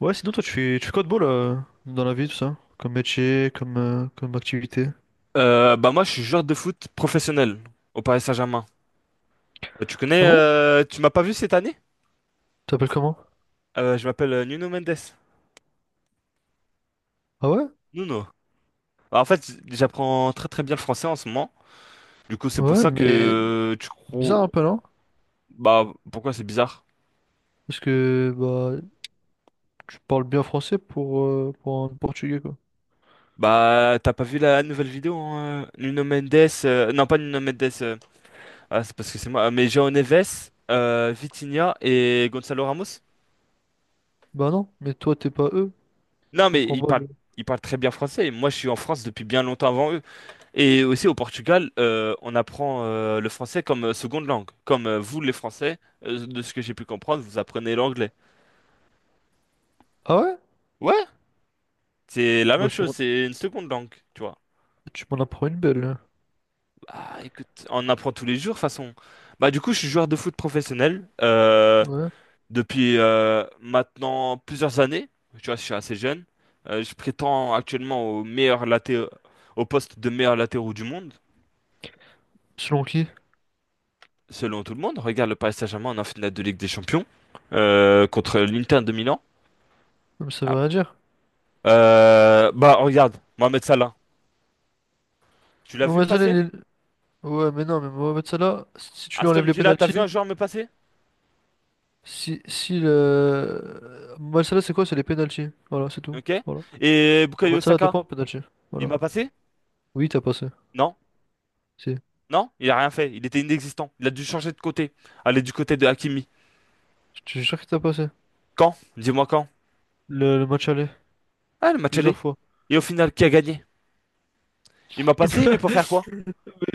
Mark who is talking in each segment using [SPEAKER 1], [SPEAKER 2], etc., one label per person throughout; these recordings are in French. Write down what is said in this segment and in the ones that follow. [SPEAKER 1] Ouais, sinon toi tu fais quoi de beau là dans la vie tout ça? Comme métier, comme comme activité.
[SPEAKER 2] Bah moi, je suis joueur de foot professionnel au Paris Saint-Germain. Tu connais,
[SPEAKER 1] Ah bon?
[SPEAKER 2] tu m'as pas vu cette année?
[SPEAKER 1] T'appelles comment?
[SPEAKER 2] Je m'appelle Nuno Mendes.
[SPEAKER 1] Ah ouais?
[SPEAKER 2] Nuno. Bah, en fait, j'apprends très très bien le français en ce moment. Du coup, c'est pour
[SPEAKER 1] Ouais,
[SPEAKER 2] ça que
[SPEAKER 1] mais
[SPEAKER 2] tu crois.
[SPEAKER 1] bizarre un peu non?
[SPEAKER 2] Bah, pourquoi c'est bizarre?
[SPEAKER 1] Parce que bah tu parles bien français pour un portugais quoi.
[SPEAKER 2] Bah, t'as pas vu la nouvelle vidéo, hein, Nuno Mendes. Non, pas Nuno Mendes. Euh, ah, c'est parce que c'est moi. Mais João Neves, Vitinha et Gonzalo Ramos.
[SPEAKER 1] Bah non, mais toi t'es pas eux, je
[SPEAKER 2] Non, mais
[SPEAKER 1] comprends pas le-
[SPEAKER 2] ils parlent très bien français. Moi, je suis en France depuis bien longtemps avant eux. Et aussi au Portugal, on apprend le français comme seconde langue. Comme vous, les Français, de ce que j'ai pu comprendre, vous apprenez l'anglais.
[SPEAKER 1] Ah ouais?
[SPEAKER 2] Ouais, c'est la
[SPEAKER 1] Bah
[SPEAKER 2] même
[SPEAKER 1] tu
[SPEAKER 2] chose,
[SPEAKER 1] m'en
[SPEAKER 2] c'est une seconde langue, tu vois.
[SPEAKER 1] tu m'en apprends une belle là.
[SPEAKER 2] Bah écoute, on apprend tous les jours, de toute façon. Bah du coup, je suis joueur de foot professionnel
[SPEAKER 1] Ouais.
[SPEAKER 2] depuis maintenant plusieurs années. Tu vois, je suis assez jeune. Je prétends actuellement au au poste de meilleur latéraux du monde.
[SPEAKER 1] Selon qui?
[SPEAKER 2] Selon tout le monde, regarde le Paris Saint-Germain en finale de Ligue des Champions contre l'Inter de Milan.
[SPEAKER 1] Mais ça
[SPEAKER 2] Ah.
[SPEAKER 1] veut rien dire.
[SPEAKER 2] Bah regarde, Mohamed Salah, tu l'as
[SPEAKER 1] Non,
[SPEAKER 2] vu me
[SPEAKER 1] mais ça,
[SPEAKER 2] passer?
[SPEAKER 1] les- Ouais, mais non, mais Mohamed Salah, si tu lui enlèves
[SPEAKER 2] Aston
[SPEAKER 1] les
[SPEAKER 2] Villa, t'as
[SPEAKER 1] pénaltys,
[SPEAKER 2] vu un joueur me passer?
[SPEAKER 1] si si le Mohamed Salah c'est quoi? C'est les pénaltys. Voilà, c'est tout.
[SPEAKER 2] Ok.
[SPEAKER 1] Voilà.
[SPEAKER 2] Et
[SPEAKER 1] Le
[SPEAKER 2] Bukayo
[SPEAKER 1] match aller à deux
[SPEAKER 2] Saka,
[SPEAKER 1] points, penalty.
[SPEAKER 2] il
[SPEAKER 1] Voilà.
[SPEAKER 2] m'a passé?
[SPEAKER 1] Oui, t'as passé.
[SPEAKER 2] Non?
[SPEAKER 1] Si.
[SPEAKER 2] Non? Il a rien fait. Il était inexistant. Il a dû changer de côté. Aller du côté de Hakimi.
[SPEAKER 1] Je suis sûr que t'as passé.
[SPEAKER 2] Quand? Dis-moi quand?
[SPEAKER 1] Le match aller.
[SPEAKER 2] Ah, le match
[SPEAKER 1] Plusieurs
[SPEAKER 2] allé.
[SPEAKER 1] fois.
[SPEAKER 2] Et au final, qui a gagné? Il m'a passé, mais pour faire quoi?
[SPEAKER 1] Mais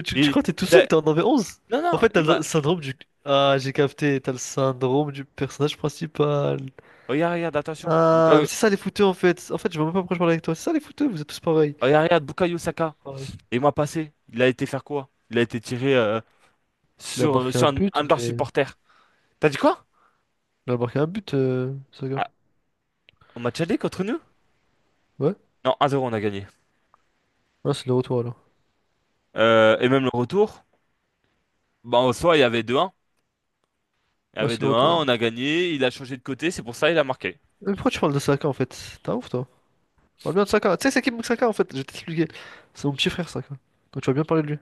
[SPEAKER 1] tu
[SPEAKER 2] Il,
[SPEAKER 1] crois que t'es tout
[SPEAKER 2] il
[SPEAKER 1] seul,
[SPEAKER 2] a...
[SPEAKER 1] t'en avais onze.
[SPEAKER 2] Non,
[SPEAKER 1] En
[SPEAKER 2] non,
[SPEAKER 1] fait, t'as
[SPEAKER 2] il
[SPEAKER 1] le
[SPEAKER 2] m'a...
[SPEAKER 1] syndrome du... Ah, j'ai capté, t'as le syndrome du personnage principal.
[SPEAKER 2] Regarde, regarde, attention.
[SPEAKER 1] Ah, mais
[SPEAKER 2] Bukayo...
[SPEAKER 1] c'est ça les fouteux en fait. En fait, je vois même pas pourquoi je parle avec toi. C'est ça les fouteux, vous êtes tous pareils.
[SPEAKER 2] Regarde, regarde, Bukayo Saka.
[SPEAKER 1] Pareil.
[SPEAKER 2] Et moi passé, il a été faire quoi? Il a été tiré
[SPEAKER 1] Il a
[SPEAKER 2] sur,
[SPEAKER 1] marqué un
[SPEAKER 2] sur un
[SPEAKER 1] but,
[SPEAKER 2] de leurs
[SPEAKER 1] mais.
[SPEAKER 2] supporters. T'as dit quoi?
[SPEAKER 1] Il a marqué un but, Saka.
[SPEAKER 2] Ah, on match aller contre nous?
[SPEAKER 1] Ouais?
[SPEAKER 2] Non, 1-0, on a gagné.
[SPEAKER 1] Ah, c'est le retour alors.
[SPEAKER 2] Et même le retour, bah, en soi, il y avait 2-1. Il y
[SPEAKER 1] Ouais,
[SPEAKER 2] avait
[SPEAKER 1] c'est le retour,
[SPEAKER 2] 2-1,
[SPEAKER 1] ouais.
[SPEAKER 2] on a gagné, il a changé de côté, c'est pour ça il a marqué.
[SPEAKER 1] Mais pourquoi tu parles de Saka en fait? T'as ouf toi. On parle bien de Saka. Tu sais, c'est qui Bukayo Saka en fait? Je vais t'expliquer. C'est mon petit frère Saka. Donc tu vas bien parler de lui. Moi,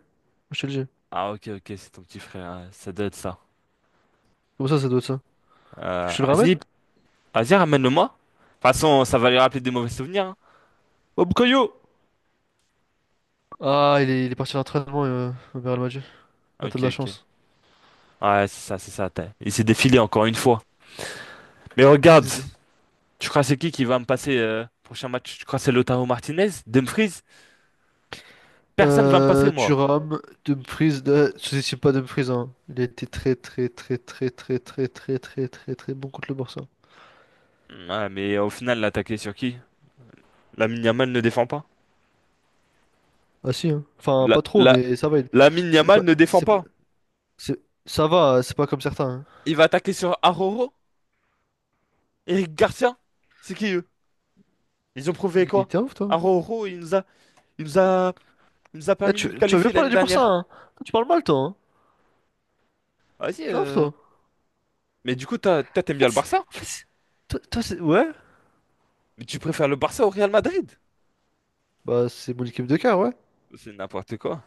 [SPEAKER 1] je te le dis.
[SPEAKER 2] Ah, ok, ok, c'est ton petit frère, hein, ça doit être ça.
[SPEAKER 1] Comment ça, ça doit être ça? Tu veux que je te le ramène?
[SPEAKER 2] Vas-y, vas-y, ramène-le-moi. De toute façon, ça va lui rappeler des mauvais souvenirs, hein.
[SPEAKER 1] Oh, Bukayo! Ah, il est parti à l'entraînement au Real Madrid. Ah, t'as
[SPEAKER 2] Ok,
[SPEAKER 1] de la
[SPEAKER 2] ok.
[SPEAKER 1] chance.
[SPEAKER 2] Ouais, c'est ça, c'est ça. T'as- il s'est défilé encore une fois. Mais regarde!
[SPEAKER 1] SD.
[SPEAKER 2] Tu crois c'est qui va me passer prochain match? Tu crois c'est Lautaro Martinez? Dumfries? Personne va me passer moi.
[SPEAKER 1] Thuram, Dumfries, sous-estime pas Dumfries, hein. Il a été très très très très très très très très très très bon contre le Barça.
[SPEAKER 2] Ouais, mais au final, l'attaquer sur qui? Lamine Yamal ne défend pas.
[SPEAKER 1] Ah si, hein. Enfin,
[SPEAKER 2] La,
[SPEAKER 1] pas trop,
[SPEAKER 2] la,
[SPEAKER 1] mais ça va.
[SPEAKER 2] Lamine
[SPEAKER 1] C'est
[SPEAKER 2] Yamal
[SPEAKER 1] pas,
[SPEAKER 2] ne défend
[SPEAKER 1] c'est pas-
[SPEAKER 2] pas.
[SPEAKER 1] c'est- ça va, c'est pas comme certains, hein.
[SPEAKER 2] Il va attaquer sur Aroro? Eric Garcia? C'est qui eux? Ils ont prouvé
[SPEAKER 1] Il
[SPEAKER 2] quoi?
[SPEAKER 1] était ouf, toi.
[SPEAKER 2] Aroro, il nous a, il nous a
[SPEAKER 1] Eh,
[SPEAKER 2] permis de nous
[SPEAKER 1] tu vas
[SPEAKER 2] qualifier
[SPEAKER 1] bien parler
[SPEAKER 2] l'année
[SPEAKER 1] du Barça,
[SPEAKER 2] dernière.
[SPEAKER 1] hein. Tu parles mal, toi, hein.
[SPEAKER 2] Vas-y.
[SPEAKER 1] Non,
[SPEAKER 2] euh,
[SPEAKER 1] toi.
[SPEAKER 2] Mais du coup, t'as- toi,
[SPEAKER 1] En
[SPEAKER 2] t'aimes bien
[SPEAKER 1] fait,
[SPEAKER 2] le
[SPEAKER 1] c'est-
[SPEAKER 2] Barça?
[SPEAKER 1] en fait, c'est- ouais,
[SPEAKER 2] Mais tu préfères le Barça au Real Madrid?
[SPEAKER 1] bah c'est mon équipe de cœur, ouais.
[SPEAKER 2] C'est n'importe quoi.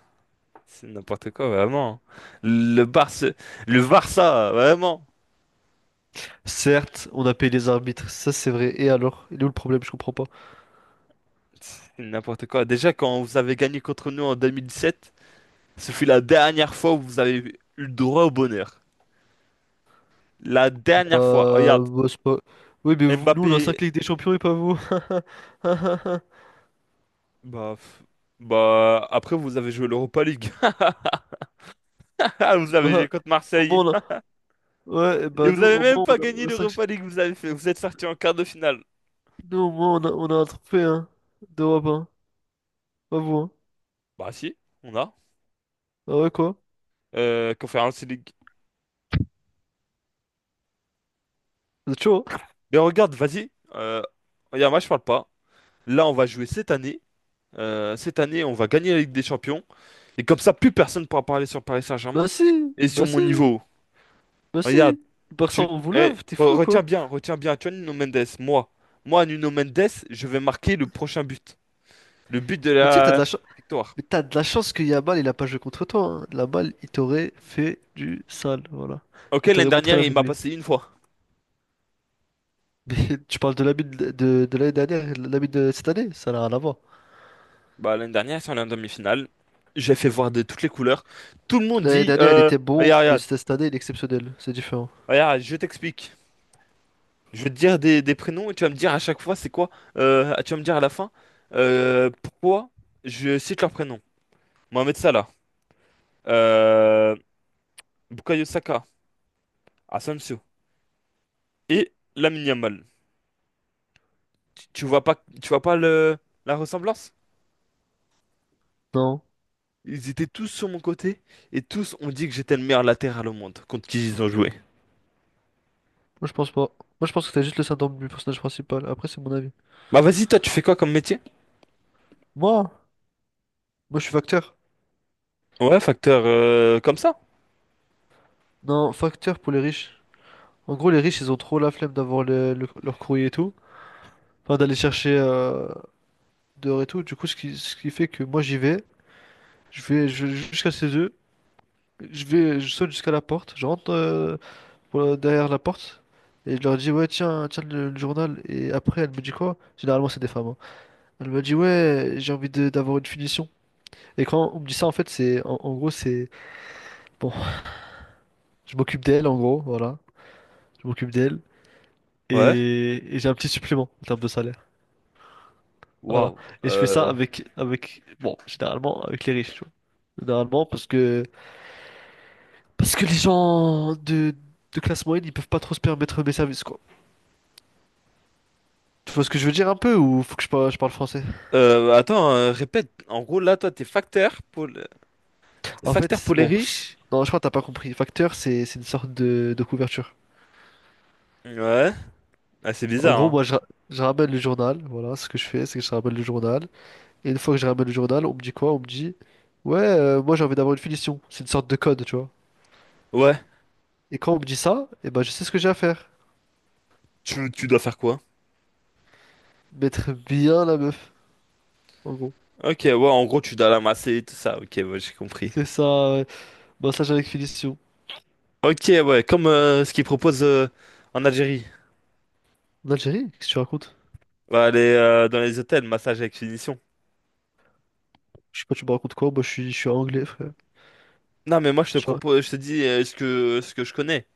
[SPEAKER 2] C'est n'importe quoi, vraiment. Le Barça, le Barça, vraiment.
[SPEAKER 1] Certes, on a payé les arbitres, ça c'est vrai. Et alors? Il est où le problème? Je comprends pas.
[SPEAKER 2] C'est n'importe quoi. Déjà, quand vous avez gagné contre nous en 2017, ce fut la dernière fois où vous avez eu le droit au bonheur. La dernière fois. Oh, regarde,
[SPEAKER 1] Bah, c'est pas... Oui, mais nous on a
[SPEAKER 2] Mbappé,
[SPEAKER 1] 5 Ligues des Champions et pas vous.
[SPEAKER 2] bah, pff, bah, après vous avez joué l'Europa League. Ah, vous avez
[SPEAKER 1] Bah,
[SPEAKER 2] joué contre
[SPEAKER 1] au
[SPEAKER 2] Marseille.
[SPEAKER 1] moins on a... Ouais,
[SPEAKER 2] Et
[SPEAKER 1] bah
[SPEAKER 2] vous
[SPEAKER 1] nous
[SPEAKER 2] avez
[SPEAKER 1] au
[SPEAKER 2] même
[SPEAKER 1] moins
[SPEAKER 2] pas gagné
[SPEAKER 1] on a 5...
[SPEAKER 2] l'Europa League. Vous avez fait, vous êtes sorti en quart de finale.
[SPEAKER 1] Nous au moins on a un trophée, hein, d'Europe, hein. Pas vous, hein.
[SPEAKER 2] Bah si, on a.
[SPEAKER 1] Ah ouais, quoi?
[SPEAKER 2] Conference League.
[SPEAKER 1] Vous êtes chaud, hein?
[SPEAKER 2] Mais regarde, vas-y. Regarde, moi je parle pas. Là, on va jouer cette année. Cette année, on va gagner la Ligue des Champions. Et comme ça, plus personne ne pourra parler sur Paris
[SPEAKER 1] Bah
[SPEAKER 2] Saint-Germain
[SPEAKER 1] si,
[SPEAKER 2] et sur
[SPEAKER 1] bah si,
[SPEAKER 2] mon niveau.
[SPEAKER 1] bah
[SPEAKER 2] Regarde,
[SPEAKER 1] si. Barça,
[SPEAKER 2] tu...
[SPEAKER 1] on vous
[SPEAKER 2] eh,
[SPEAKER 1] lave, t'es fou, quoi.
[SPEAKER 2] retiens bien, retiens bien. Tu vois, Nuno Mendes, moi. Moi, Nuno Mendes, je vais marquer le prochain but. Le but de
[SPEAKER 1] Mais tu sais que t'as de
[SPEAKER 2] la
[SPEAKER 1] la chance.
[SPEAKER 2] victoire.
[SPEAKER 1] Mais t'as de la chance que Yamal, il a pas joué contre toi. Hein. Yamal, il t'aurait fait du sale, voilà.
[SPEAKER 2] Ok,
[SPEAKER 1] Il
[SPEAKER 2] l'année
[SPEAKER 1] t'aurait montré
[SPEAKER 2] dernière,
[SPEAKER 1] la
[SPEAKER 2] il m'a
[SPEAKER 1] verrouille.
[SPEAKER 2] passé une fois.
[SPEAKER 1] Mais tu parles de l'ami de l'année dernière, l'ami de cette année, ça n'a rien à voir.
[SPEAKER 2] Bah, l'année dernière, sur la demi-finale, j'ai fait voir de toutes les couleurs. Tout le monde
[SPEAKER 1] L'année
[SPEAKER 2] dit,
[SPEAKER 1] dernière, il était bon,
[SPEAKER 2] regarde,
[SPEAKER 1] mais
[SPEAKER 2] regarde,
[SPEAKER 1] cette année, il est exceptionnel. C'est différent.
[SPEAKER 2] regarde, je t'explique. Je vais te dire des prénoms et tu vas me dire à chaque fois c'est quoi. Tu vas me dire à la fin pourquoi je cite leurs prénoms. Mohamed Salah, euh, Bukayo Saka, Asensio et Lamine Yamal. Tu vois pas, tu vois pas le, la ressemblance?
[SPEAKER 1] Non,
[SPEAKER 2] Ils étaient tous sur mon côté et tous ont dit que j'étais le meilleur latéral au monde contre qui ils ont joué.
[SPEAKER 1] moi je pense pas. Moi je pense que t'as juste le syndrome du personnage principal. Après, c'est mon avis.
[SPEAKER 2] Bah vas-y, toi tu fais quoi comme métier?
[SPEAKER 1] Moi, moi je suis facteur.
[SPEAKER 2] Ouais, facteur comme ça.
[SPEAKER 1] Non, facteur pour les riches. En gros, les riches, ils ont trop la flemme d'avoir leur courrier et tout. Enfin, d'aller chercher dehors et tout. Du coup, ce qui fait que moi j'y vais. Je vais jusqu'à chez eux. Je vais, je saute jusqu'à la porte. Je rentre pour derrière la porte. Et je leur dis, ouais, tiens le journal. Et après, elle me dit quoi? Généralement, c'est des femmes, hein. Elle me dit, ouais, d'avoir une finition. Et quand on me dit ça, en fait, en gros, bon, je m'occupe d'elle, en gros, voilà. Je m'occupe d'elle.
[SPEAKER 2] Ouais.
[SPEAKER 1] Et j'ai un petit supplément en termes de salaire. Voilà.
[SPEAKER 2] Waouh.
[SPEAKER 1] Et je fais ça
[SPEAKER 2] Euh,
[SPEAKER 1] bon, généralement, avec les riches, tu vois. Généralement, parce que parce que les gens de classe moyenne, ils peuvent pas trop se permettre mes services, quoi. Tu vois ce que je veux dire un peu ou faut que je, je parle français?
[SPEAKER 2] répète. En gros là, toi t'es facteur pour facteur pour les
[SPEAKER 1] Bon,
[SPEAKER 2] riches?
[SPEAKER 1] non, je crois que t'as pas compris. Facteur, c'est une sorte de couverture.
[SPEAKER 2] Ouais. Ah, c'est
[SPEAKER 1] En
[SPEAKER 2] bizarre,
[SPEAKER 1] gros,
[SPEAKER 2] hein.
[SPEAKER 1] moi, je ramène le journal. Voilà, ce que je fais, c'est que je ramène le journal. Et une fois que je ramène le journal, on me dit quoi? On me dit, ouais, moi, j'ai envie d'avoir une finition. C'est une sorte de code, tu vois.
[SPEAKER 2] Ouais.
[SPEAKER 1] Et quand on me dit ça, eh ben, je sais ce que j'ai à faire.
[SPEAKER 2] Tu dois faire quoi?
[SPEAKER 1] Mettre bien la meuf, en gros.
[SPEAKER 2] Ok, ouais, en gros, tu dois l'amasser et tout ça. Ok, ouais, j'ai compris.
[SPEAKER 1] C'est ça, ouais. Massage avec finition.
[SPEAKER 2] Ok, ouais, comme ce qu'ils proposent en Algérie.
[SPEAKER 1] En Algérie, qu'est-ce que tu racontes?
[SPEAKER 2] Va aller dans les hôtels, massage avec finition.
[SPEAKER 1] Je sais pas, tu me racontes quoi? Moi, je suis anglais, frère.
[SPEAKER 2] Non, mais moi, je te
[SPEAKER 1] Je
[SPEAKER 2] propose, je te dis ce que je connais.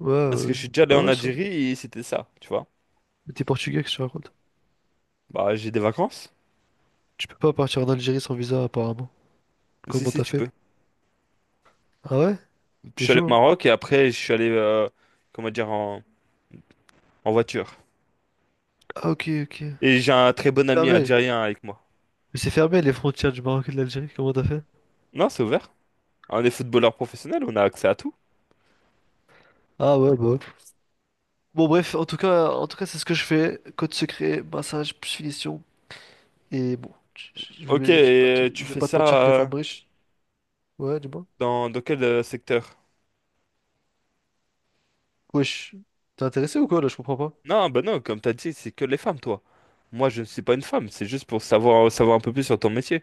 [SPEAKER 1] ouais,
[SPEAKER 2] Parce que je suis déjà allé
[SPEAKER 1] ah
[SPEAKER 2] en
[SPEAKER 1] ouais, ça.
[SPEAKER 2] Algérie et c'était ça, tu vois.
[SPEAKER 1] Mais t'es portugais, qu'est-ce que tu racontes?
[SPEAKER 2] Bah, j'ai des vacances.
[SPEAKER 1] Tu peux pas partir en Algérie sans visa, apparemment.
[SPEAKER 2] Si,
[SPEAKER 1] Comment
[SPEAKER 2] si,
[SPEAKER 1] t'as
[SPEAKER 2] tu peux.
[SPEAKER 1] fait? Ah ouais?
[SPEAKER 2] Je
[SPEAKER 1] T'es
[SPEAKER 2] suis allé
[SPEAKER 1] chaud,
[SPEAKER 2] au
[SPEAKER 1] hein?
[SPEAKER 2] Maroc et après, je suis allé, comment dire, en, en voiture.
[SPEAKER 1] Ah, ok, ok.
[SPEAKER 2] Et j'ai un très bon ami
[SPEAKER 1] Fermé.
[SPEAKER 2] algérien avec moi.
[SPEAKER 1] Mais c'est fermé, les frontières du Maroc et de l'Algérie. Comment t'as fait?
[SPEAKER 2] Non, c'est ouvert. On est footballeur professionnel, on a accès à tout.
[SPEAKER 1] Ah ouais, bah ouais. Bon, bref, en tout cas, c'est ce que je fais. Code secret, massage, plus finition. Et bon,
[SPEAKER 2] Ok, et tu
[SPEAKER 1] je vais
[SPEAKER 2] fais
[SPEAKER 1] pas te mentir
[SPEAKER 2] ça
[SPEAKER 1] que les femmes riches. Ouais, dis-moi.
[SPEAKER 2] dans, dans quel secteur?
[SPEAKER 1] Wesh, t'es intéressé ou quoi, là? Je comprends pas.
[SPEAKER 2] Non, bah non, comme t'as dit, c'est que les femmes, toi. Moi, je ne suis pas une femme, c'est juste pour savoir, savoir un peu plus sur ton métier.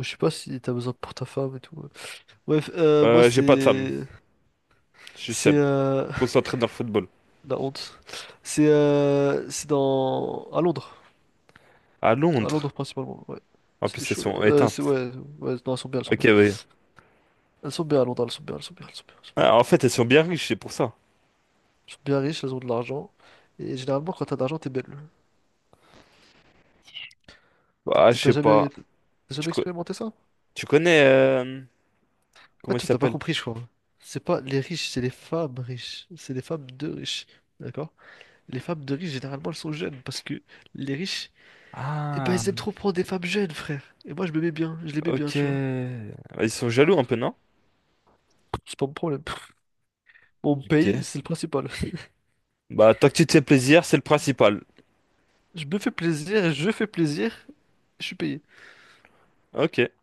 [SPEAKER 1] Je sais pas si t'as besoin pour ta femme et tout, ouais. Ouais, moi
[SPEAKER 2] J'ai pas de femme, je suis
[SPEAKER 1] c'est
[SPEAKER 2] seul, concentré dans le football.
[SPEAKER 1] la honte. C'est dans
[SPEAKER 2] À
[SPEAKER 1] à
[SPEAKER 2] Londres.
[SPEAKER 1] Londres principalement. Ouais,
[SPEAKER 2] En
[SPEAKER 1] c'est
[SPEAKER 2] plus,
[SPEAKER 1] des
[SPEAKER 2] elles
[SPEAKER 1] chaudes.
[SPEAKER 2] sont
[SPEAKER 1] C'est
[SPEAKER 2] éteintes.
[SPEAKER 1] ouais, ouais, non, elles sont bien, elles sont
[SPEAKER 2] Ok,
[SPEAKER 1] bien.
[SPEAKER 2] oui.
[SPEAKER 1] Elles sont bien à Londres, elles sont bien, elles sont bien, elles sont bien.
[SPEAKER 2] Ah, en fait, elles sont bien riches, c'est pour ça.
[SPEAKER 1] Elles sont bien riches, elles ont de l'argent. Et généralement, quand t'as de l'argent, t'es belle. T'as
[SPEAKER 2] Bah,
[SPEAKER 1] t'as-
[SPEAKER 2] je
[SPEAKER 1] t'as
[SPEAKER 2] sais
[SPEAKER 1] jamais
[SPEAKER 2] pas.
[SPEAKER 1] t'as
[SPEAKER 2] Tu,
[SPEAKER 1] jamais expérimenté ça?
[SPEAKER 2] tu connais...
[SPEAKER 1] Ah,
[SPEAKER 2] comment ils
[SPEAKER 1] tu t'as pas
[SPEAKER 2] s'appellent?
[SPEAKER 1] compris, je crois. C'est pas les riches, c'est les femmes riches. C'est les femmes de riches, d'accord? Les femmes de riches, généralement, elles sont jeunes parce que les riches et bah,
[SPEAKER 2] Ah,
[SPEAKER 1] ils aiment trop prendre des femmes jeunes, frère. Et moi, je me mets bien, je les mets bien,
[SPEAKER 2] ok.
[SPEAKER 1] tu vois.
[SPEAKER 2] Ils sont jaloux un peu, non?
[SPEAKER 1] C'est pas mon problème. On me paye,
[SPEAKER 2] Ok.
[SPEAKER 1] c'est le principal.
[SPEAKER 2] Bah, tant que tu te fais plaisir, c'est le principal.
[SPEAKER 1] Je me fais plaisir, je suis payé.
[SPEAKER 2] Ok,